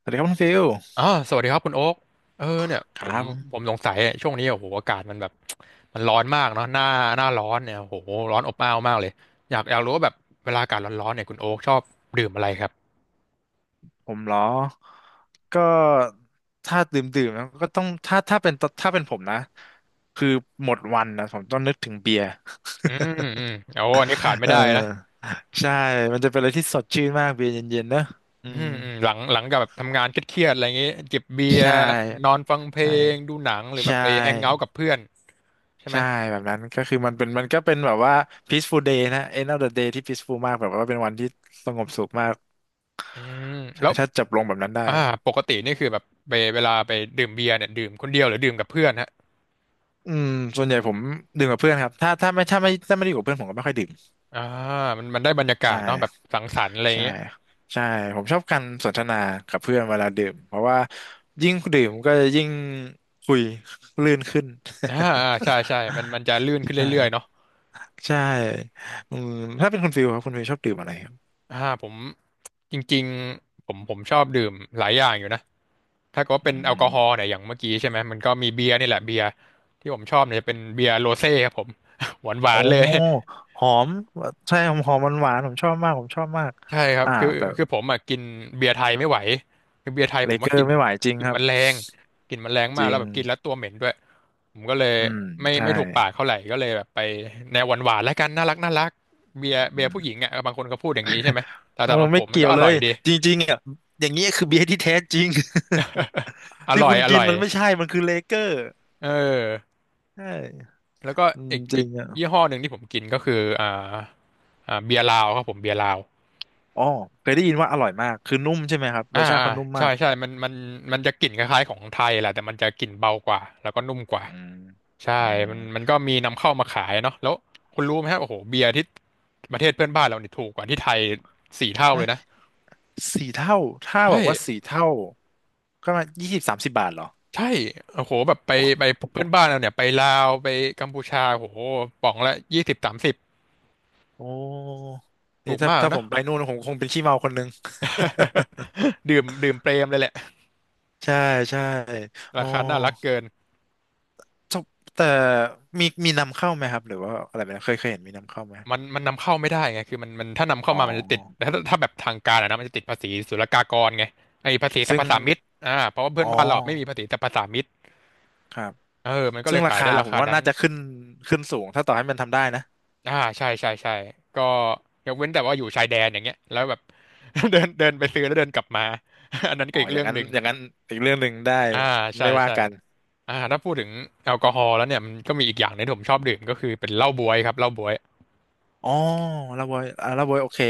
สวัสดีครับคุณฟิลอ่าสวัสดีครับคุณโอ๊กเออเนี่ยคผมรับผผมมสงสัยเนี่ยช่วงนี้โอ้โหอากาศมันแบบมันร้อนมากเนาะหน้าร้อนเนี่ยโอ้โหร้อนอบอ้าวมากเลยอยากรู้ว่าแบบเวลาอากาศร้อนๆเนี่ยคุณโอ๊กชอบดื่มอะไรครับผมเหรอก็ถ้าดื่มแล้วก็ต้องถ้าเป็นถ้าเป็นผมนะคือหมดวันนะผมต้องนึกถึงเบียร์ อืมอืมโอ้อันนี้ขาด ไม่เอได้นะอใช่มันจะเป็นอะไรที่สดชื่นมากเบียร์เย็นๆเนอะอือืมมอืมหลังจากแบบทำงานเครียดๆอะไรอย่างงี้จิบเบียใช่ร์นอนฟังเพลใช่งดูหนังหรือแบใช่บไปแฮงเอาท์กับเพื่อนใช่ไหมใช่แบบนั้นก็คือมันก็เป็นแบบว่า peaceful day นะ end of the day ที่ peaceful มากแบบว่าเป็นวันที่สงบสุขมากอืมแล้วถ้าจับลงแบบนั้นได้อ่าปกตินี่คือแบบเวลาไปดื่มเบียร์เนี่ยดื่มคนเดียวหรือดื่มกับเพื่อนฮะ อืมส่วนใหญ่ผมดื่มกับเพื่อนครับถ้าไม่ได้อยู่กับเพื่อนผมก็ไม่ค่อยดื่ม อ่ามันได้บรรยากาใชศเนาะแบบ่สังสรรค์อะไรอย่างใช่เงี้ยใช่ผมชอบการสนทนากับเพื่อนเวลาดื่มเพราะว่ายิ่งดื่มก็จะยิ่งคุยลื่นขึ้น อ่าใช่ใช่มันมั นจะลื่นขึ้นเรื่อยๆใช่เนาะใช่อืมถ้าเป็นคุณฟิลครับคุณฟิลชอบดื่มอะไรครับอ่าผมจริงๆผมชอบดื่มหลายอย่างอยู่นะถ้าเก็อืเป็นแอลกอมฮอล์เนี่ยอย่างเมื่อกี้ใช่ไหมมันก็มีเบียร์นี่แหละเบียร์ที่ผมชอบเนี่ยจะเป็นเบียร์โรเซ่ครับผม หวานหวาโอ้นเลย หอมใช่หอมหอมหวานๆผมชอบมากผมชอบมากใช่ครับอ่าคือแต่คือผมอ่ะกินเบียร์ไทยไม่ไหวคือเบียร์ไทยเลผมเกว่าอกลิ่ร์นไม่ไหวจริงกลิ่คนรัมับนแรงกลิ่นมันแรงจมากริแล้วงแบบกินแล้วตัวเหม็นด้วยผมก็เลยอืมไม่ใช่ไม่ถูกปากเท่าไหร่ก็เลยแบบไปแนวหวานหวานแล้วกันน่ารักน่ารักเบียร์อืเบียร์ผู้มหญิงอ่ะบางคนก็พูดอย่างนี้ใช่ไหมแต่โอ้สำหรับผไม่มมันเกี่ยก็วอเลร่อยยดีจริงๆอ่ะอย่างนี้ยคือเบียร์ที่แท้จริง อที่ร่อคุยณอกิร่นอยมันไม่ใช่ มันคือเลเกอร์เออใช่แล้วก็อืมอีกจอีริกงอ่ะยี่ห้อหนึ่งที่ผมกินก็คือเบียร์ลาวครับผมเบียร์ลาวอ๋อเคยได้ยินว่าอร่อยมากคือนุ่มใช่ไหมครับรอ่าสชาติอ่าเขานุ่มใช่มากใช่มันจะกลิ่นคล้ายๆของไทยแหละแต่มันจะกลิ่นเบากว่าแล้วก็นุ่มกว่า อืมใช่อืมมันก็มีนำเข้ามาขายเนาะแล้วคุณรู้ไหมฮะโอ้โหเบียร์ที่ประเทศเพื่อนบ้านเราเนี่ยถูกกว่าที่ไทย4 เท่าเลเอ๊ะยนะ สี่เท่าถ้าบใช่อกว่าสี่เท่าก็มายี่สิบสามสิบบาทเหรอใช่โอ้โห แบบไปเพื่อนบ้านเราเนี่ยไปลาวไปกัมพูชาโอ้โหป๋องละ20-30โอ้นี่ถูกถ้ามากถ้าผนะ มไปนู่นผมคงเป็นขี้เมาคนนึง ดื่มดื่มเปรมเลยแหละ ใช่ใช่อ๋ราอคาน่ารักเกิน จบแต่มีนำเข้าไหมครับหรือว่าอะไรไหมเคยเห็นมีนำเข้าไหมมันนำเข้าไม่ได้ไงคือมันถ้านำเข้าอ๋อมามันจะติดแต่ถ้าแบบทางการอะนะมันจะติดภาษีศุลกากรไงไอ้ภาษีสรรซึ่พงสามิตเพราะว่าเพื่อ๋อนอบ้านเราไม่มีภาษีสรรพสามิตครับ เออมันก็เลซึ่งยราขายคาได้ราผมคาว่านั้น น่าจะขึ้นขึ้นสูงถ้าต่อให้มันทำได้นะใช่ใช่ใช่ก็ยกเว้นแต่ว่าอยู่ชายแดนอย่างเงี้ยแล้วแบบ เดินเดินไปซื้อแล้วเดินกลับมา อันนั้นอ๋ก็ออีกอย่าเรื่งองนั้หนนึ่งอย่างนั้นอีกเรื่องหนึ่งได้อ่าใช่ไม่ว่าใช่กันถ้าพูดถึงแอลกอฮอล์แล้วเนี่ยมันก็มีอีกอย่างหนึงที่ผมชอบดื่มก็คือเป็นเหล้าบ๊วยครับเหล้าบ๊วยอ๋อลาบวยลาบวยโอเค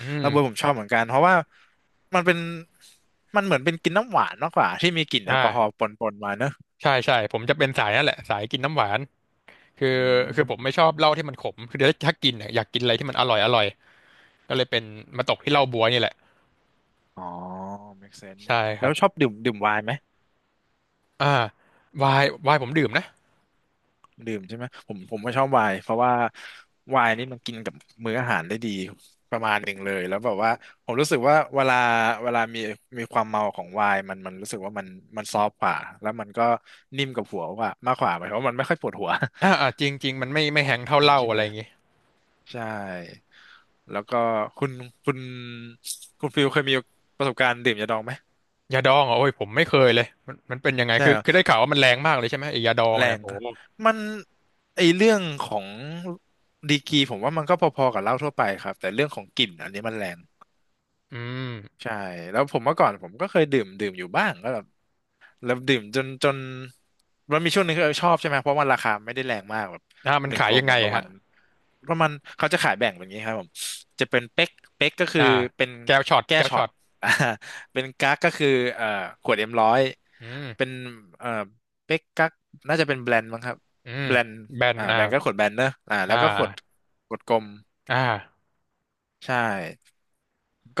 อืมลาบอยผมชอบเหมือนกันเพราะว่ามันเป็นมันเหมือนเป็นกินน้ำหวานมากกว่าที่มีกลิ่นแอลกอฮอล์อ่าปนๆมาเนอะใช่ใช่ผมจะเป็นสายนั่นแหละสายกินน้ำหวานคืออืคือผมไม่มชอบเหล้าที่มันขมคือเดี๋ยวถ้ากินเนี่ยอยากกินอะไรที่มันอร่อยอร่อยก็เลยเป็นมาตกที่เหล้าบ๊วยนี่แหละอ๋อ make sense ใช่คแล้รัวบชอบดื่มไวน์ไหม อ่าไวน์ไวน์ผมดื่มนะดื่มใช่ไหมผมก็ชอบไวน์เพราะว่าไวน์นี่มันกินกับมื้ออาหารได้ดีประมาณหนึ่งเลยแล้วแบบว่าผมรู้สึกว่าเวลามีมีความเมาของไวน์มันรู้สึกว่ามันมันซอฟต์กว่าแล้วมันก็นิ่มกับหัวกว่ามากกว่าหมายความว่ามันไม่ค่อยปวดหัว จริงจริงมันไม่แฮงเท่า จริเหงล้าใช่อะไหมไรอย่างงี้ ใช่แล้วก็คุณคุณคุณฟิลเคยมีประสบการณ์ดื่มยาดองไหมยาดองเหรอโอ้ยผมไม่เคยเลยมันเป็นยังไงใช่คือเหรอ คือได้ข่าวว่ามันแรงมากเลยใช่ไหมไอ้ยาดองแรเนี่ยงโอ้ค่ะโหมันไอเรื่องของดีกรีผมว่ามันก็พอๆกับเหล้าทั่วไปครับแต่เรื่องของกลิ่นอันนี้มันแรงอืมใช่แล้วผมเมื่อก่อนผมก็เคยดื่มอยู่บ้างก็แบบ แล้วดื่มจนมันมีช่วงหนึงที่ชอบใช่ไหมเพราะมันราคาไม่ได้แรงมากแบบมัหนนึ่งขากยลยัมงไงมันประอะมาฮะณประมาณเขาจะขายแบ่งแบบนี้ครับผมจะเป็นเป๊กเป๊กก็คืออ่าเป็นแก้วช็อตแก้แก้วช็อช็อต ต อ่าเป็นกั๊กก็คือเอ่อขวดเอ็มร้อยอืเป็นมเอ่อเป๊กกั๊กน่าจะเป็นแบรนด์มั้งครับอืมแบรนด์แบนแบรนด์ก็ขวดแบรนด์เนอะแล้อ่วก็ขวดาขวดกลมอ่าใช่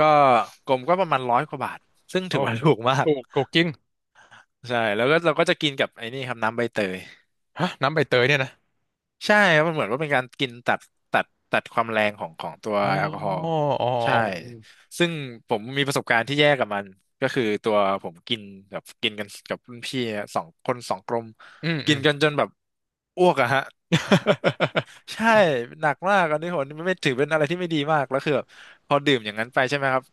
ก็กลมก็ประมาณร้อยกว่าบาทซึ่งโอ้ถือว่าถูกมากถูกถูกจริงใช่แล้วก็เราก็จะกินกับไอ้นี่ครับน้ำใบเตย ฮะน้ำใบเตยเนี่ยนะใช่ครับมันเหมือนว่าเป็นการกินตัดตัดความแรงของของตัวอ๋อแอลกอฮอล์อ๋ออ๋อใช่ซึ่งผมมีประสบการณ์ที่แย่กับมันก็คือตัวผมกินแบบกินกันกับรุ่นพี่สองคนสองกลมอืมอืกินม กันจนแบบอ้วกอะฮะ ใช่หนักมากอันนี้ผมไม่ไม่ถือเป็นอะไรที่ไม่ดีมากแล้วคือแบบพอดื่มอย่างนั้นไปใช่ไหมครับ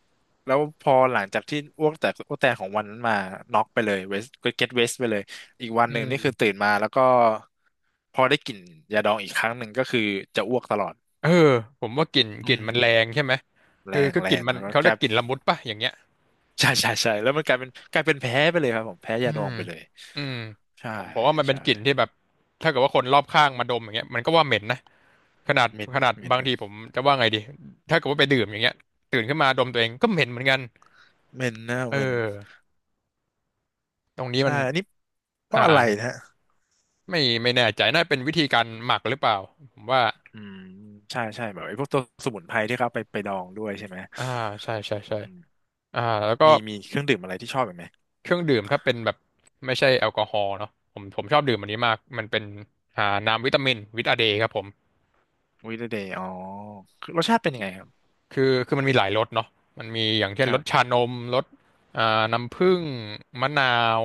แล้วพอหลังจากที่อ้วกแตกของวันนั้นมาน็อกไปเลยเวสก็เก็ตเวสไปเลยอีกวันอืหนึ่งมนี่คือตื่นมาแล้วก็พอได้กลิ่นยาดองอีกครั้งหนึ่งก็คือจะอ้วกตลอดเออผมว่ากลิ่นกอืลิ่นมัมนแรงใช่ไหมแรคืองคือแรกลิ่นงมันแล้วก็เขากเรียลากยกลิ่นละมุดป่ะอย่างเงี้ย ใช่ใช่ใช่แล้วมันกลายเป็นแพ้ไปเลยครับผมแพ้อืยาดอมงไปเลยอืมใช่ผมว่ามันเป็นใช่กลิ่นที่แบบถ้าเกิดว่าคนรอบข้างมาดมอย่างเงี้ยมันก็ว่าเหม็นนะขนาดเหม็นขนาดเมนบางทีนะผมจะว่าไงดีถ้าเกิดว่าไปดื่มอย่างเงี้ยตื่นขึ้นมาดมตัวเองก็เหม็นเหมือนกันเหม็นนะเออเมนตรงนี้ใช่มันอันนี้เพอ่าราะอะไรนะ ไม่แน่ใจน่าเป็นวิธีการหมักหรือเปล่าผมว่าอืมใช่ใช่แบบไอ้พวกตัวสมุนไพรที่เขาเอาไปดองด้วยใช่ไหมอ่าใช่ใช่อืใช่มอ่าแล้วก็มีเครื่องดื่มอะไรที่ชอบอีกไหมเครื่องดื่มถ้าเป็นแบบไม่ใช่แอลกอฮอล์เนาะผมชอบดื่มอันนี้มากมันเป็นน้ำวิตามินวิตาเดย์ครับผม วิเดเดย์อ๋อคือรสชาติเป็นยังไงครับคือมันมีหลายรสเนาะมันมีอย่างเช่นครรัสบชานมรสอ่าผน้ำผึ้มงมะนาว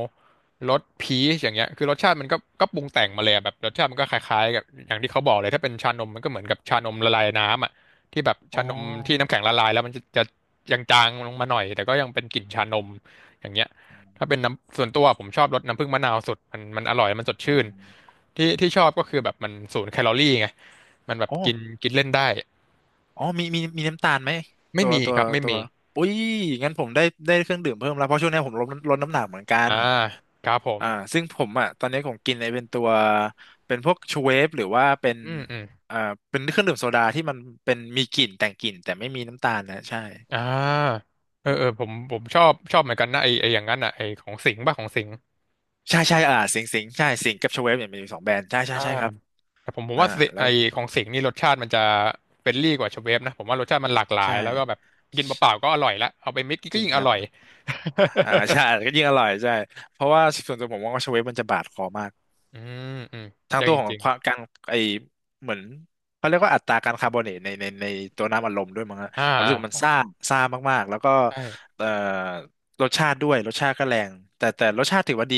รสพีชอย่างเงี้ยคือรสชาติมันก็ปรุงแต่งมาเลยอะแบบรสชาติมันก็คล้ายๆกับอย่างที่เขาบอกเลยถ้าเป็นชานมมันก็เหมือนกับชานมละลายน้ำอ่ะที่แบบอ๋อชานมที่น้ำแข็งละลายแล้วมันจะจางๆลงมาหน่อยแต่ก็ยังเป็นกลิ่นชานมอย่างเงี้ยอืมถ้าเป็นน้ำส่วนตัวผมชอบรสน้ำผึ้งมะนาวสุดมันอร่อย มันสดอืชื่น มที่ชอบก็คือแบบมันศูนย์แคลอรี่ไงมันแบบอ๋อกินกินเล่นได้อ๋อมีน้ำตาลไหมไม่ตัวมีตัควรับไม่ตัวมี อุ้ยงั้นผมได้ได้เครื่องดื่มเพิ่มแล้วเพราะช่วงนี้ผมลดลดน้ำหนักเหมือนกัน อ่าครับผมอ่าซึ่งผมอ่ะตอนนี้ผมกินไอ้เป็นตัว เป็นพวกชูเวฟหรือว่าเป็นอืมอืมอ่าเป็นเครื่องดื่มโซดาที่มันเป็นมีกลิ่นแต่งกลิ่นแต่ไม่มีน้ำตาลนะ ใช่ อ่าเออผมชอบเหมือนกันนะไออย่างนั้นอ่ะไอของสิงห์ป่ะของสิงห์ใช่ใช่สิงใช่สิงกับชเวฟเนี่ยมีสองแบรนด์ ใช่ใช่อ่าใช่ครับแต่ผมอ่าว่าสิแล้ไอวของสิงห์นี่รสชาติมันจะเฟรนลี่กว่าชเวฟนะผมว่ารสชาติมันหลากหลายใช่ แล้วก็แบบกินเปล่าๆก็อร่อยละเอาไปมิกจก็ริงยิ่งคอรับ ร่อย ใช่ ก็ยิ่งอร่อยใช่ เพราะว่าส่วนตัวผมมองว่าชเวฟมันจะบาดคอมาก อืมอืมทาจงริตังวขอจงริงความการไอเหมือนเขาเรียกว่าอัตราการคาร์บอเนตในตัวน้ำอัดลมด้วยมั้งฮะอ่าผมรู้สึกมันอ่าซ่าซ่ามากๆแล้วก็ใช่เอ่อรสชาติด้วยรสชาติก็แรงแต่รสชาติถือว่าดี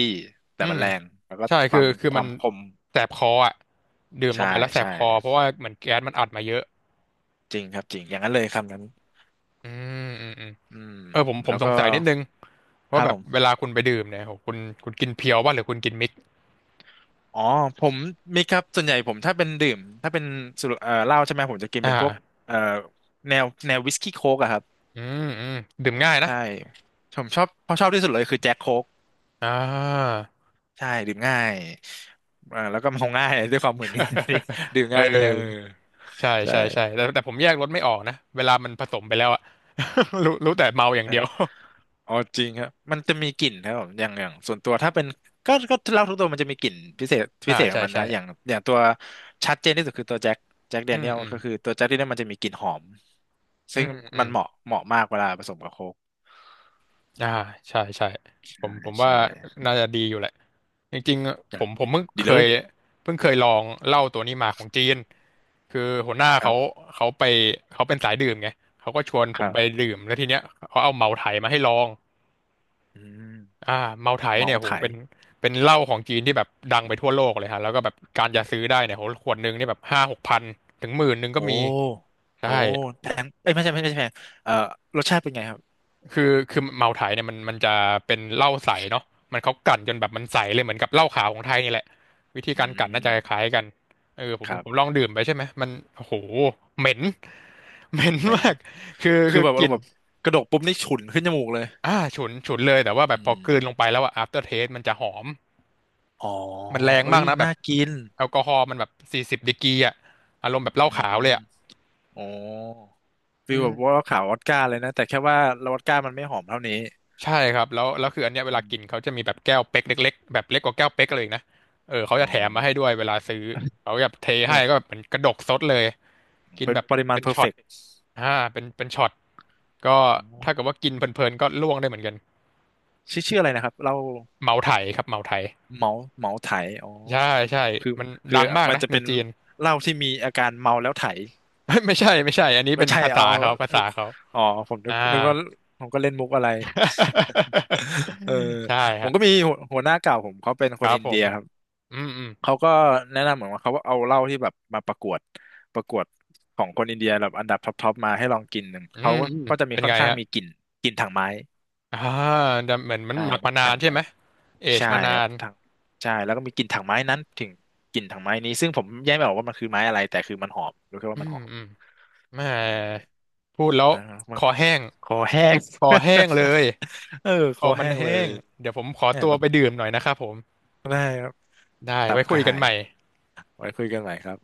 แต่อืมันมแรงแล้วก็ใช่คคืวาอมคือความันมคมแสบคออ่ะดื่มลใช่งไปแล้วแสบใช่คอเพราะว่าเหมือนแก๊สมันอัดมาเยอะจริงครับจริงอย่างนั้นเลยคำนั้นอืมอืมอืม อืมเออผมผแล้มวสก็งสัยนิดนึงคว่ารับแบผบเวมลาคุณไปดื่มเนี่ยโหคุณกินเพียวป่ะหรือคุณกินมิกซ์อ๋อผมมีครับส่วนใหญ่ผมถ้าเป็นดื่มถ้าเป็นสุรเหล้าใช่ไหมผมจะกินเป็อ่านพวกเอ่อแนววิสกี้โค้กอะครับ อืมอืมดื่มง่ายนะใช่ผมชอบเพราะชอบที่สุดเลยคือแจ็คโค้กอ่า ใช่ดื่มง่ายแล้วก็เมาง่า ยด้วยความเหมอนนี่ ดื่ม เอง่ายเนี่ยเอออใช่ใช่ใช่ใช่แต่ผมแยกรสไม่ออกนะเวลามันผสมไปแล้วอะ รู้แต่เมาอย่างใช่เดียว อ๋อจริงครับมันจะมีกลิ่นครับผมอย่างส่วนตัวถ้าเป็นก็เหล้าทุกตัวมันจะมีกลิ่นพิเศษ พิอ่าเศษขอใช่งมันใช่นะอย่างอย่างตัวชัดเจนที่สุดคือตัวแจ็คแจ็คแดอืเนีมยลอืมก็คือตัวแจ็คแดเนียลมันจะมีกลิ่นหอมอืซึ่งมอืมันมเหมาะเหมาะมากเวลาผสมกับโค้กอ่าใช่ใช่ผใช่มผมว่าใช่น่าจะดีอยู่แหละ จริงๆผจ้ะมผดีมเพิ่งดีเคเลยยเพิ่งเคยลองเหล้าตัวนี้มาของจีนคือหัวหน้าครัเขาบเขาไปเขาเป็นสายดื่มไงเขาก็ชวนคผมรัไปบดื่มแล้วทีเนี้ยเขาเอาเมาไถมาให้ลองอืมอ่าเมาไถเมาเนี่ยส์โหไถ เป็นเป็นเหล้าของจีนที่แบบดังไปทั่วโลกเลยฮะแล้วก็แบบการจะซื้อได้เนี่ยโหขวดหนึงนี่แบบ5,000-6,000ถึง10,000ก็โอมี้ ใช่ โอ้แพงเอ้ยไม่ใช่ไม่ใช่แพงเอ่อรสชาติเป็นไงครับคือเมาไถเนี่ยมันจะเป็นเหล้าใสเนาะมันเขากลั่นจนแบบมันใสเลยเหมือนกับเหล้าขาวของไทยนี่แหละวิธีอืการกลั่นน่าจะคล้ามยกันเออผมครัผมบลองดื่มไปใช่ไหมมันโอ้โหเหม็น เหม็นเหม็นมากคือคือคือแบบกอารลิ่มนณ์แบบกระดกปุ๊บนี่ฉุนขึ้นจมูกเลยอ่าฉุนเลยแต่ว่าแบอืบพอกลืนลงมไปแล้วอะ after taste มันจะหอมอ๋อ มันแรงเอ้มายกนะแบน่าบกินแอลกอฮอล์มันแบบ40 ดีกรีอะอารมณ์แบบเหล้าอืขาวเลยมอะอ๋อฟีอืลแบบว่าม ขาววอดก้าเลยนะแต่แค่ว่าเราวอดก้ามันไม่หอมเท่านี้ใช่ครับแล้วคืออันเนี้ยเวอืลามกินเขาจะมีแบบแก้วเป๊กเล็กๆแบบเล็กกว่าแก้วเป๊กเลยนะเออเขาอ๋จะอแถมมาให้ด้วยเวลาซื้อเขาแบบเทเอให้อก็แบบเหมือนกระดกซดเลยกินเป็นแบบปริมาเป็ณนเพอร์ช็เฟอตกต์อ่าเป็นช็อตก็อ๋ถ้าเกิดอว่ากินเพลินๆก็ล่วงได้เหมือนกันชื่ออะไรนะครับเราเมาไถครับเมาไถเหมาเหมาไถอ๋อใช่ใช่คือมันคือดังมากมันนะจะในเป็นจีน เหล้าที่มีอาการเมาแล้วไถ ไม่ไม่ใช่อันนี้ไม่เป็นใช่เอาภาษาเขาอ๋อผมนึกอ่า นึกว่าผมก็เล่นมุกอะไร เออใช่ผมฮะก็มีหัวหน้าเก่าผมเขาเป็นคคนรับอินผเดีมยครับอืมอืมเขาก็แนะนำเหมือนว่าเขาเอาเหล้าที่แบบมาประกวดประกวดของคนอินเดียแบบอันดับท็อปทอปมาให้ลองกินหนึ่งอืเขามก็อืมก็จะมีเป็นค่อไงนข้างฮะ มีกลิ่นกลิ่นถังไม้อ่าแต่เหมือนมันใช่หมักพวมากนาถันงใช่ไม้ไหม เอจใช่มานาครับนถังใช่แล้วก็มีกลิ่นถังไม้นั้นถึงกลิ่นถังไม้นี้ซึ่งผมแยกไม่ออกว่ามันคือไม้อะไรแต่คือมันหอมรู้แค่อืว่ามันมหอมอืมแหมใช่ พูดแล้วนะับมันคอก็แห้งคอแห้ง คอแห้งเล ยเออคคออมันแห้งเลแห้ยง เดี๋ยวผมขอเนี่ยตัวมันไปดื่มหน่อยนะครับผม ได้ครับได้ตับไว้กคุระยกัหานยใหม่ไว้คุยกันใหม่ครับ